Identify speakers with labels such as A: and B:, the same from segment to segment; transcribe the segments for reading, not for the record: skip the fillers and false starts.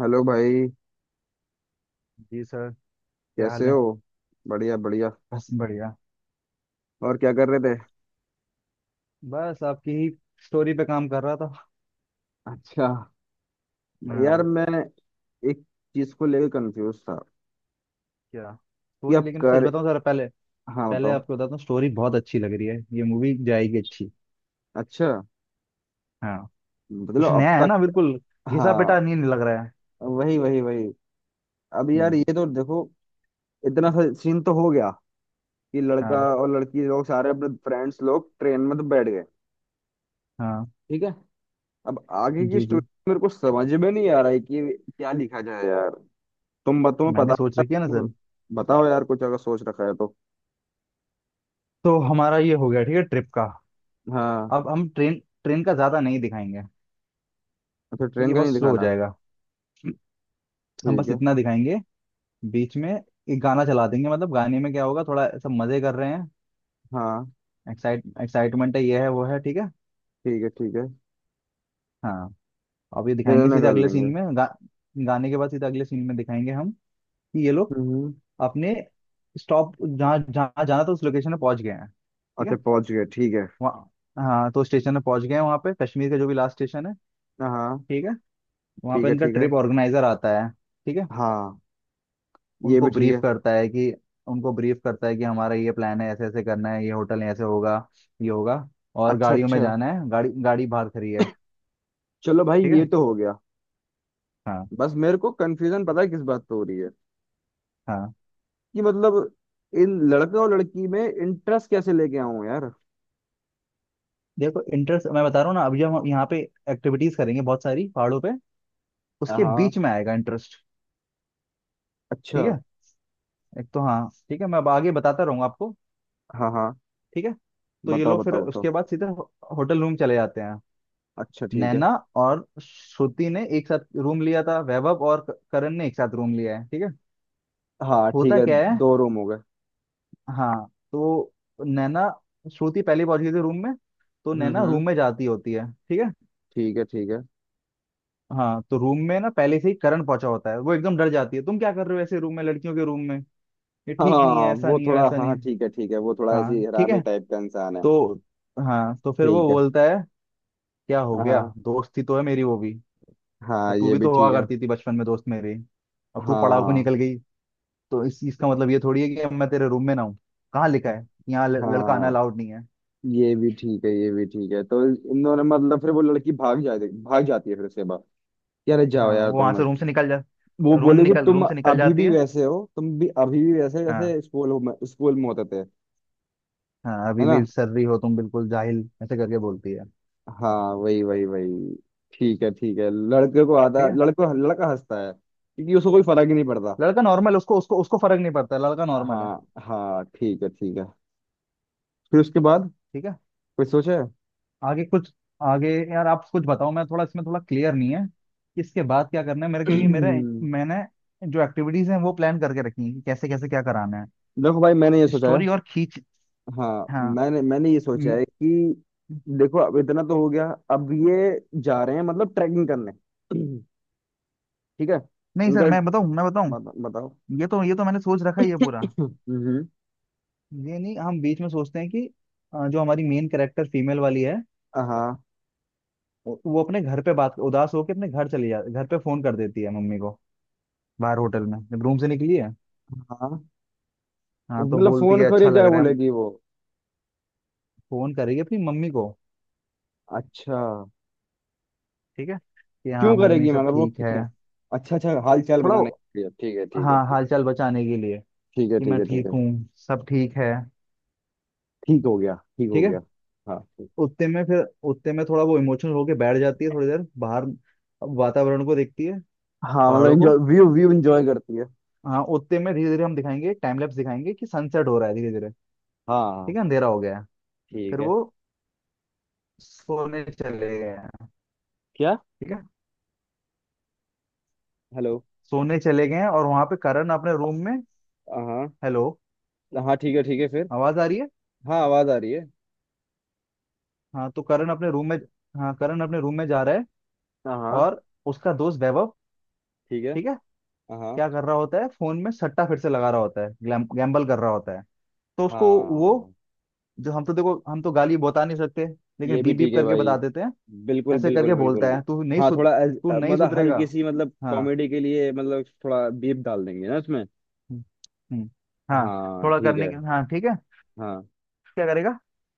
A: Hello भाई।
B: Ji sir. क्या हाल
A: कैसे
B: है?
A: हो? बढ़िया बढ़िया।
B: बस बढ़िया।
A: और क्या कर रहे थे?
B: बस आपकी ही स्टोरी पे काम कर रहा था।
A: अच्छा। यार
B: हाँ।
A: मैं एक चीज को लेकर कंफ्यूज था
B: क्या
A: कि
B: स्टोरी,
A: अब
B: लेकिन सच
A: कर
B: बताऊं सर, पहले
A: हाँ,
B: पहले
A: बताओ।
B: आपको बताता हूँ, स्टोरी बहुत अच्छी लग रही है, ये मूवी जाएगी अच्छी।
A: अच्छा।
B: हाँ। कुछ
A: मतलब अब
B: नया है ना,
A: तक।
B: बिल्कुल घिसा पिटा
A: हाँ।
B: नहीं लग रहा है।
A: वही वही वही। अब यार
B: हम्म।
A: ये तो देखो, इतना सा सीन तो हो गया कि लड़का
B: हाँ,
A: और लड़की लोग सारे अपने फ्रेंड्स लोग ट्रेन में तो बैठ गए।
B: हाँ।
A: ठीक है। अब आगे की
B: जी जी।
A: स्टोरी मेरे को समझ में नहीं आ रहा है कि क्या लिखा जाए यार। तुम्हें
B: मैंने
A: पता।
B: सोच रखी है ना सर।
A: बताओ यार, कुछ अगर सोच रखा है तो।
B: तो हमारा ये हो गया, ठीक है, ट्रिप का।
A: हाँ।
B: अब हम ट्रेन ट्रेन का ज्यादा नहीं दिखाएंगे।
A: अच्छा, ट्रेन
B: ये
A: का नहीं
B: बहुत स्लो हो
A: दिखाना।
B: जाएगा। हम
A: ठीक
B: बस
A: है।
B: इतना दिखाएंगे, बीच में एक गाना चला देंगे, मतलब गाने में क्या होगा, थोड़ा ऐसा मजे कर रहे हैं,
A: हाँ,
B: एक्साइटमेंट है, ये है वो है, ठीक है।
A: ठीक है ठीक है।
B: हाँ। अब ये
A: इधर
B: दिखाएंगे,
A: ना
B: सीधे
A: कर
B: अगले सीन
A: लेंगे।
B: में गाने के बाद सीधे अगले सीन में दिखाएंगे हम कि ये लोग
A: हम्म।
B: अपने स्टॉप जहाँ जहाँ जाना था उस लोकेशन में पहुंच गए हैं, ठीक है।
A: अच्छा, पहुंच गए ठीक है।
B: वहाँ, हाँ, तो स्टेशन में पहुंच गए हैं, वहाँ पे कश्मीर का जो भी लास्ट स्टेशन है,
A: हाँ,
B: ठीक है। वहाँ पे
A: ठीक है
B: इनका
A: ठीक है।
B: ट्रिप ऑर्गेनाइजर आता है, ठीक है।
A: हाँ, ये
B: उनको
A: भी ठीक
B: ब्रीफ
A: है।
B: करता है कि उनको ब्रीफ करता है कि हमारा ये प्लान है, ऐसे ऐसे करना है, ये होटल ऐसे होगा, ये होगा, और
A: अच्छा
B: गाड़ियों में
A: अच्छा।
B: जाना है, गाड़ी गाड़ी बाहर खड़ी है,
A: चलो भाई,
B: ठीक
A: ये
B: है।
A: तो हो गया।
B: हाँ,
A: बस मेरे को कंफ्यूजन पता है किस बात पे हो रही है,
B: हाँ।
A: कि मतलब इन लड़के और लड़की में इंटरेस्ट कैसे लेके आऊं यार।
B: देखो इंटरेस्ट मैं बता रहा हूँ ना, अभी जब हम यहाँ पे एक्टिविटीज करेंगे बहुत सारी पहाड़ों पे, उसके
A: हाँ।
B: बीच में आएगा इंटरेस्ट,
A: अच्छा।
B: ठीक है। एक तो, हाँ, ठीक है, मैं अब आगे बताता रहूंगा आपको,
A: हाँ हाँ।
B: ठीक है। तो ये
A: बताओ
B: लोग फिर
A: बताओ बताओ।
B: उसके बाद सीधे होटल रूम चले जाते हैं।
A: अच्छा ठीक है।
B: नैना और श्रुति ने एक साथ रूम लिया था, वैभव और करण ने एक साथ रूम लिया है, ठीक है।
A: हाँ ठीक
B: होता
A: है।
B: क्या है,
A: दो रूम हो गए।
B: हाँ, तो नैना, श्रुति पहले पहुंच गई थी रूम में, तो नैना
A: हम्म।
B: रूम में जाती होती है, ठीक है।
A: ठीक है ठीक है।
B: हाँ, तो रूम में ना पहले से ही करंट पहुंचा होता है, वो एकदम डर जाती है, तुम क्या कर रहे हो ऐसे रूम में, लड़कियों के रूम में, ये ठीक नहीं
A: हाँ,
B: है, ऐसा
A: वो
B: नहीं है,
A: थोड़ा,
B: वैसा नहीं
A: हाँ
B: है।
A: ठीक है ठीक है, वो थोड़ा ऐसी
B: हाँ, ठीक
A: हरामी
B: है।
A: टाइप का इंसान है।
B: तो, हाँ, तो फिर वो
A: ठीक है।
B: बोलता है, क्या हो गया,
A: हाँ
B: दोस्ती तो है मेरी, वो भी तो,
A: हाँ,
B: तू
A: ये
B: भी
A: भी
B: तो हुआ
A: ठीक है।
B: करती थी बचपन में दोस्त मेरी, अब तू पड़ाव को
A: हाँ
B: निकल गई, तो इस चीज का मतलब ये थोड़ी है कि अब मैं तेरे रूम में ना हूँ, कहाँ लिखा है यहाँ लड़का आना
A: हाँ,
B: अलाउड नहीं है।
A: ये भी ठीक है ये भी ठीक है। तो इन दोनों, मतलब फिर वो लड़की भाग जाती है, फिर उसके बाद यार जाओ
B: हाँ,
A: यार
B: वो वहां
A: तुम,
B: से रूम से निकल जा
A: वो
B: रूम
A: बोलेगी
B: निकल
A: तुम
B: रूम से निकल
A: अभी
B: जाती
A: भी
B: है।
A: वैसे हो, तुम भी अभी भी वैसे हो
B: हाँ।
A: जैसे स्कूल में होते थे।
B: हाँ,
A: है
B: अभी भी
A: ना?
B: सर्री हो तुम, बिल्कुल जाहिल, ऐसे करके बोलती है।
A: हाँ, वही वही वही। ठीक है ठीक है। लड़के को आता
B: ठीक है।
A: लड़को लड़का हंसता है क्योंकि उसको कोई फर्क ही नहीं पड़ता।
B: लड़का नॉर्मल, उसको उसको उसको फर्क नहीं पड़ता, लड़का नॉर्मल है,
A: हाँ हाँ, ठीक है ठीक है। फिर उसके बाद
B: ठीक है।
A: कुछ सोचा है?
B: आगे कुछ, आगे यार आप कुछ बताओ। मैं थोड़ा इसमें, थोड़ा क्लियर नहीं है इसके बाद क्या करना है मेरे, क्योंकि मेरे, मैंने जो एक्टिविटीज हैं वो प्लान करके रखी हैं कि कैसे कैसे क्या कराना है,
A: देखो भाई, मैंने ये सोचा है।
B: स्टोरी और खींच।
A: हाँ
B: हाँ।
A: मैंने मैंने ये सोचा
B: हम्म।
A: है कि, देखो अब इतना तो हो गया, अब ये जा रहे हैं मतलब ट्रैकिंग करने। ठीक है।
B: नहीं
A: इनका
B: सर मैं बताऊं।
A: बताओ।
B: ये तो मैंने सोच रखा ही है पूरा।
A: हम्म।
B: ये नहीं, हम बीच में सोचते हैं कि जो हमारी मेन कैरेक्टर फीमेल वाली है,
A: हाँ
B: वो अपने घर पे बात, उदास होकर अपने घर चली जा घर पे फोन कर देती है मम्मी को, बाहर होटल में जब रूम से निकली है।
A: हाँ।
B: हाँ, तो
A: मतलब
B: बोलती
A: फोन
B: है अच्छा
A: करे
B: लग
A: क्या
B: रहा है।
A: बोलेगी वो?
B: फोन करेगी अपनी मम्मी को,
A: अच्छा।
B: ठीक है, कि हाँ
A: क्यों
B: मम्मी
A: करेगी
B: सब
A: मगर, वो
B: ठीक है।
A: क्यों? अच्छा अच्छा, हाल चाल
B: थोड़ा,
A: बताने के लिए, ठीक है ठीक है
B: हाँ,
A: ठीक।
B: हालचाल बचाने के लिए,
A: ठीक है
B: कि
A: ठीक
B: मैं
A: है ठीक
B: ठीक
A: है।
B: हूँ, सब ठीक है,
A: ठीक हो गया ठीक हो
B: ठीक है।
A: गया। हाँ।
B: उतने में फिर, उतने में थोड़ा वो इमोशनल होके बैठ जाती है थोड़ी देर, बाहर वातावरण को देखती है,
A: हाँ, मतलब
B: पहाड़ों को।
A: एंजॉय, व्यू व्यू एंजॉय करती है।
B: हाँ, उतने में धीरे धीरे हम दिखाएंगे, टाइम लैप्स दिखाएंगे कि सनसेट हो रहा है धीरे धीरे,
A: हाँ
B: ठीक है, अंधेरा हो गया है।
A: ठीक
B: फिर
A: है।
B: वो सोने चले गए हैं,
A: क्या?
B: ठीक है।
A: हेलो?
B: सोने चले गए हैं, और वहां पे करण अपने रूम में।
A: हाँ
B: हेलो,
A: हाँ, ठीक है ठीक है, फिर?
B: आवाज आ रही है।
A: हाँ, आवाज आ रही है।
B: हाँ, तो करण अपने रूम में, हाँ, करण अपने रूम में जा रहा है,
A: हाँ
B: और उसका दोस्त वैभव,
A: ठीक है।
B: ठीक है।
A: हाँ
B: क्या कर रहा होता है, फोन में सट्टा फिर से लगा रहा होता है, गैम्बल कर रहा होता है। तो उसको वो,
A: हाँ,
B: जो हम तो, देखो हम तो गाली बता नहीं सकते, लेकिन
A: ये भी
B: बीप बीप
A: ठीक है
B: करके
A: भाई।
B: बता देते हैं।
A: बिल्कुल
B: ऐसे करके
A: बिल्कुल
B: बोलता
A: बिल्कुल।
B: है,
A: हाँ थोड़ा
B: तू नहीं
A: मतलब,
B: सुधरेगा।
A: हल्की सी मतलब
B: हाँ।
A: कॉमेडी के लिए मतलब थोड़ा बीप डाल देंगे ना उसमें?
B: हम्म। हम्म। हाँ,
A: हाँ
B: थोड़ा
A: ठीक
B: करने
A: है।
B: के, हाँ, ठीक है।
A: हाँ
B: क्या करेगा,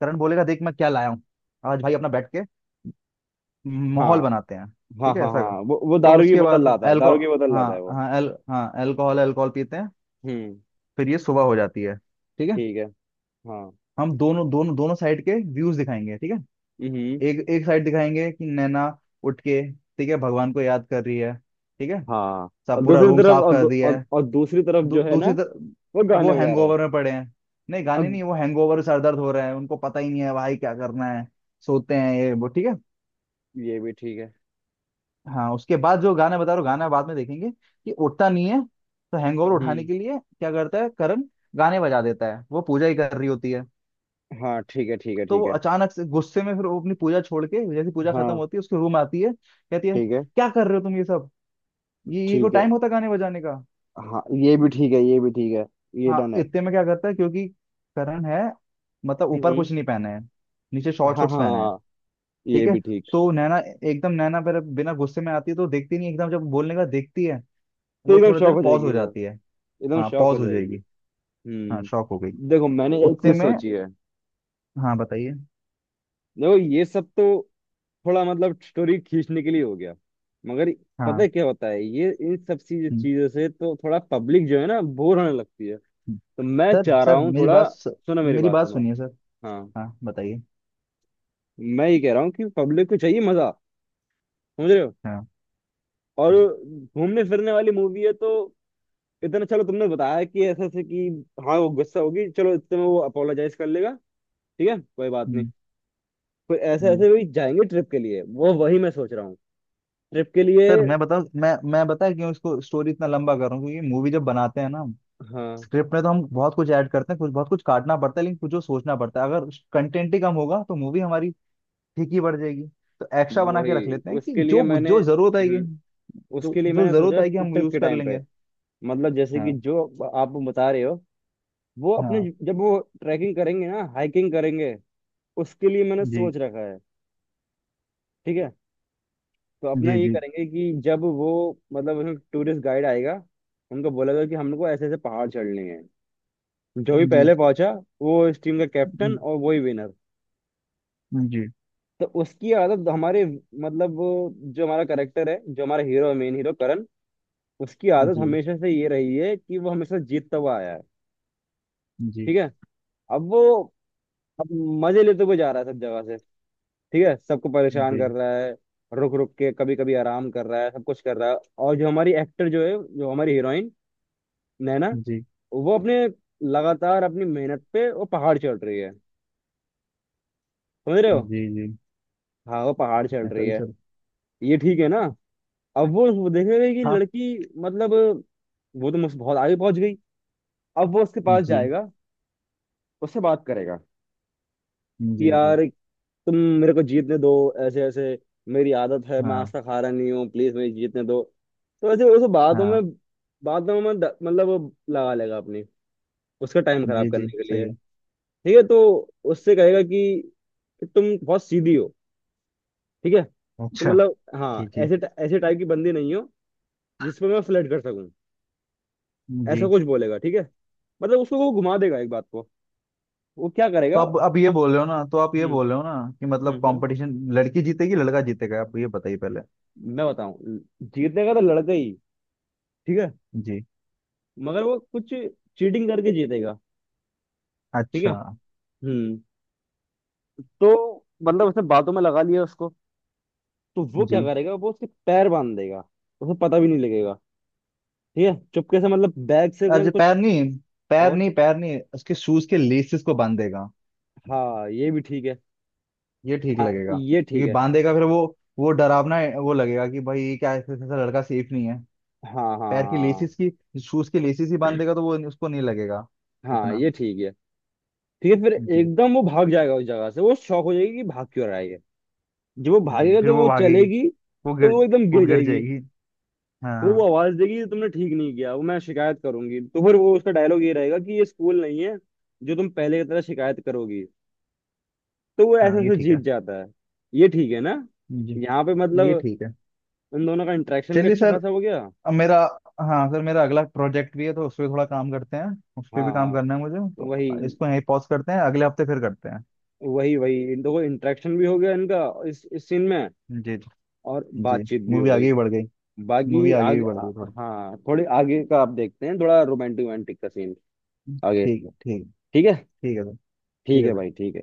B: करण बोलेगा, देख मैं क्या लाया हूँ, आज भाई अपना बैठ के माहौल
A: हाँ
B: बनाते हैं।
A: हाँ।
B: ठीक है,
A: हाँ
B: ऐसा कर,
A: हाँ, वो
B: तो फिर
A: दारू की
B: उसके
A: बोतल
B: बाद
A: लाता है,
B: एल्को
A: दारू की बोतल
B: हाँ,
A: लाता है वो।
B: हाँ, एल हाँ, एल्कोहल एल्कोहल पीते हैं।
A: हम्म।
B: फिर ये सुबह हो जाती है, ठीक है।
A: ठीक है। हाँ।
B: हम दोनों दोनों दोनों साइड के व्यूज दिखाएंगे, ठीक है।
A: हम्म।
B: एक एक साइड दिखाएंगे कि नैना उठ के, ठीक है, भगवान को याद कर रही है, ठीक है,
A: हाँ,
B: सब
A: और
B: पूरा
A: दूसरी
B: रूम
A: तरफ,
B: साफ कर दिया है।
A: और दूसरी तरफ जो है ना,
B: दूसरी तरफ
A: वो
B: वो
A: गाने बजा रहा है।
B: हैंगओवर में पड़े हैं। नहीं, गाने
A: अब
B: नहीं, वो हैंगओवर, सर दर्द हो रहे हैं उनको, पता ही नहीं है भाई क्या करना है, सोते हैं ये वो, ठीक है।
A: ये भी ठीक है।
B: हाँ, उसके बाद जो गाना बता रहा हूँ, गाना बाद में देखेंगे कि उठता नहीं है, तो हैंगओवर उठाने
A: हम्म।
B: के लिए क्या करता है करण, गाने बजा देता है, वो पूजा ही कर रही होती है।
A: हाँ ठीक है ठीक है
B: तो
A: ठीक
B: वो
A: है।
B: अचानक से गुस्से में, फिर वो अपनी पूजा छोड़ के, जैसे पूजा खत्म
A: हाँ
B: होती है उसके रूम आती है, कहती है
A: ठीक है
B: क्या कर रहे हो तुम ये सब, ये को
A: ठीक है।
B: टाइम होता है गाने बजाने का।
A: हाँ, ये भी ठीक है ये भी ठीक है। ये
B: हाँ,
A: डन है।
B: इतने में क्या करता है, क्योंकि करण है, मतलब ऊपर
A: हम्म।
B: कुछ नहीं पहना है, नीचे
A: हाँ
B: शॉर्ट्स पहना है,
A: हाँ, ये
B: ठीक है।
A: भी ठीक।
B: तो नैना, एकदम नैना पर बिना गुस्से में आती है तो देखती नहीं, एकदम जब बोलने का देखती है,
A: तो
B: वो
A: एकदम
B: थोड़ी
A: शौक
B: देर
A: हो
B: पॉज
A: जाएगी
B: हो
A: वो।
B: जाती है।
A: एकदम
B: हाँ,
A: शौक हो
B: पॉज हो
A: जाएगी।
B: जाएगी। हाँ, शॉक हो गई।
A: देखो, मैंने एक
B: उतने
A: चीज
B: में,
A: सोची है।
B: हाँ बताइए।
A: देखो, ये सब तो थोड़ा मतलब स्टोरी खींचने के लिए हो गया, मगर पता
B: हाँ।
A: है क्या होता है, ये इन सब चीज
B: हम्म।
A: चीजों से तो थोड़ा पब्लिक जो है ना, बोर होने लगती है।
B: हम्म।
A: तो मैं
B: सर
A: चाह रहा
B: सर
A: हूँ
B: मेरी
A: थोड़ा,
B: बात,
A: सुनो मेरी
B: मेरी
A: बात
B: बात
A: सुनो।
B: सुनिए सर।
A: हाँ,
B: हाँ बताइए।
A: मैं ये कह रहा हूँ कि पब्लिक को चाहिए मजा। समझ रहे हो?
B: हाँ।
A: और
B: हम्म।
A: घूमने फिरने वाली मूवी है, तो इतना चलो तुमने बताया कि ऐसे ऐसे कि हाँ वो गुस्सा होगी, चलो इतने में वो अपोलोजाइज कर लेगा, ठीक है कोई बात नहीं,
B: हम्म,
A: फिर ऐसे
B: ये।
A: ऐसे भी जाएंगे ट्रिप के लिए, वो वही मैं सोच रहा हूँ, ट्रिप के लिए।
B: सर मैं बताऊँ, मैं बताया क्यों इसको स्टोरी इतना लंबा कर रहा हूँ, क्योंकि मूवी जब बनाते हैं ना,
A: हाँ
B: स्क्रिप्ट में, तो हम बहुत कुछ ऐड करते हैं, कुछ बहुत कुछ काटना पड़ता है, लेकिन कुछ जो सोचना पड़ता है, अगर कंटेंट ही कम होगा तो मूवी हमारी फीकी पड़ जाएगी, तो एक्स्ट्रा बना के रख
A: वही,
B: लेते हैं कि जो जो जरूरत आएगी,
A: उसके लिए मैंने सोचा
B: हम
A: ट्रिप
B: यूज
A: के
B: कर
A: टाइम पे,
B: लेंगे।
A: मतलब जैसे कि
B: हाँ,
A: जो आप बता रहे हो, वो अपने,
B: हाँ।
A: जब वो ट्रैकिंग करेंगे ना, हाइकिंग करेंगे, उसके लिए मैंने
B: जी
A: सोच रखा है। ठीक है। तो अपना
B: जी,
A: ये
B: जी
A: करेंगे कि जब वो, मतलब टूरिस्ट गाइड आएगा, उनको बोलेगा कि हमको ऐसे ऐसे पहाड़ चढ़ने हैं, जो भी
B: जी,
A: पहले पहुंचा वो इस टीम का कैप्टन
B: जी
A: और वही विनर।
B: जी,
A: तो उसकी आदत, हमारे मतलब वो, जो हमारा करेक्टर है, जो हमारा हीरो, मेन हीरो करण, उसकी आदत
B: जी
A: हमेशा से ये रही है कि वो हमेशा जीतता हुआ आया है।
B: जी,
A: ठीक है। अब वो, अब मजे लेते हुए जा रहा है सब जगह से। ठीक है, सबको परेशान
B: जी
A: कर रहा है, रुक रुक के कभी कभी आराम कर रहा है, सब कुछ कर रहा है। और जो हमारी एक्टर जो है, जो हमारी हीरोइन नैना, वो अपने, लगातार अपनी मेहनत पे वो पहाड़ चढ़ रही है। समझ रहे हो?
B: जी, जी।
A: हाँ, वो पहाड़ चढ़
B: ऐसा
A: रही
B: भी
A: है।
B: सर।
A: ये ठीक है ना? अब वो देखेगा कि
B: हाँ।
A: लड़की, मतलब वो तो मुझसे बहुत आगे पहुंच गई। अब वो उसके पास
B: जी
A: जाएगा, उससे बात करेगा कि
B: जी, जी।
A: यार तुम मेरे को जीतने दो, ऐसे ऐसे मेरी आदत है, मैं आज
B: हाँ,
A: तक हारा नहीं हूँ, प्लीज मेरी जीतने दो। तो ऐसे वैसे बातों
B: हाँ।
A: में, बातों में मतलब वो, लगा लेगा अपनी, उसका टाइम खराब
B: जी
A: करने
B: जी
A: के
B: सही
A: लिए।
B: है।
A: ठीक है। तो उससे कहेगा कि तुम बहुत सीधी हो। ठीक है, तो
B: अच्छा।
A: मतलब हाँ,
B: जी जी,
A: ऐसे ऐसे टाइप की बंदी नहीं हो जिस पर मैं फ्लर्ट कर सकूं। ऐसा
B: जी।
A: कुछ बोलेगा ठीक है, मतलब उसको वो घुमा देगा एक बात को। वो क्या
B: तो
A: करेगा?
B: अब ये बोल रहे हो ना तो आप ये
A: हम्म
B: बोल रहे हो ना, कि मतलब
A: हम्म हम्म।
B: कंपटीशन लड़की जीतेगी, लड़का जीतेगा, आप ये बताइए पहले।
A: मैं बताऊं? जीतने का तो लड़का ही। ठीक है,
B: जी।
A: मगर वो कुछ चीटिंग करके जीतेगा। ठीक है।
B: अच्छा।
A: हम्म। तो मतलब उसने बातों में लगा लिया उसको, तो वो क्या
B: जी।
A: करेगा, वो उसके पैर बांध देगा। उसे पता भी नहीं लगेगा। ठीक है, चुपके से मतलब बैग से
B: अरे,
A: कुछ कुछ-।
B: पैर नहीं, पैर
A: और?
B: नहीं, पैर नहीं, उसके शूज के लेसेस को बांधेगा।
A: हाँ, ये भी ठीक है।
B: ये ठीक
A: हाँ
B: लगेगा,
A: ये ठीक
B: क्योंकि
A: है।
B: बांधेगा फिर वो डरावना है, वो लगेगा कि भाई ये क्या, ऐसा ऐसा लड़का सेफ नहीं है।
A: हाँ हाँ
B: पैर की
A: हाँ।
B: लेसिस की, शूज की लेसिस ही बांधेगा, तो वो उसको नहीं लगेगा
A: हाँ
B: इतना।
A: ये ठीक है। ठीक है, फिर
B: जी
A: एकदम वो भाग जाएगा उस जगह से, वो शौक हो जाएगी कि भाग क्यों रहा है ये। जब वो
B: जी।
A: भागेगा
B: फिर
A: तो
B: वो
A: वो
B: भागेगी,
A: चलेगी,
B: वो
A: तो
B: गिर
A: वो एकदम
B: वो
A: गिर
B: गिर
A: जाएगी।
B: जाएगी।
A: तो
B: हाँ।
A: वो आवाज देगी तुमने ठीक नहीं किया, वो मैं शिकायत करूंगी, तो फिर वो, उसका डायलॉग ये रहेगा कि ये स्कूल नहीं है जो तुम पहले की तरह शिकायत करोगी। तो वो ऐसे
B: हाँ, ये
A: ऐसे
B: ठीक
A: जीत
B: है।
A: जाता है। ये ठीक है ना?
B: जी।
A: यहाँ पे
B: ये
A: मतलब
B: ठीक है।
A: इन दोनों का इंटरेक्शन भी
B: चलिए
A: अच्छा
B: सर,
A: खासा हो गया।
B: अब मेरा, हाँ सर, मेरा अगला प्रोजेक्ट भी है तो उस पर थोड़ा काम करते हैं, उस पर
A: हाँ
B: भी काम
A: हाँ,
B: करना है मुझे,
A: वही
B: तो इसको यहीं पॉज करते हैं, अगले हफ्ते फिर करते हैं।
A: वही वही। इन दोनों इंटरेक्शन भी हो गया इनका, इस सीन में,
B: जी जी,
A: और
B: जी।
A: बातचीत भी
B: मूवी
A: हो
B: आगे
A: गई।
B: भी बढ़ गई मूवी
A: बाकी
B: आगे भी
A: आगे
B: बढ़ गई थोड़ी।
A: हाँ, थोड़ी आगे का आप देखते हैं, थोड़ा रोमांटिक रोमांटिक का सीन आगे।
B: ठीक है, ठीक है।
A: ठीक है।
B: ठीक है सर। ठीक
A: ठीक
B: है
A: है भाई
B: सर।
A: ठीक है।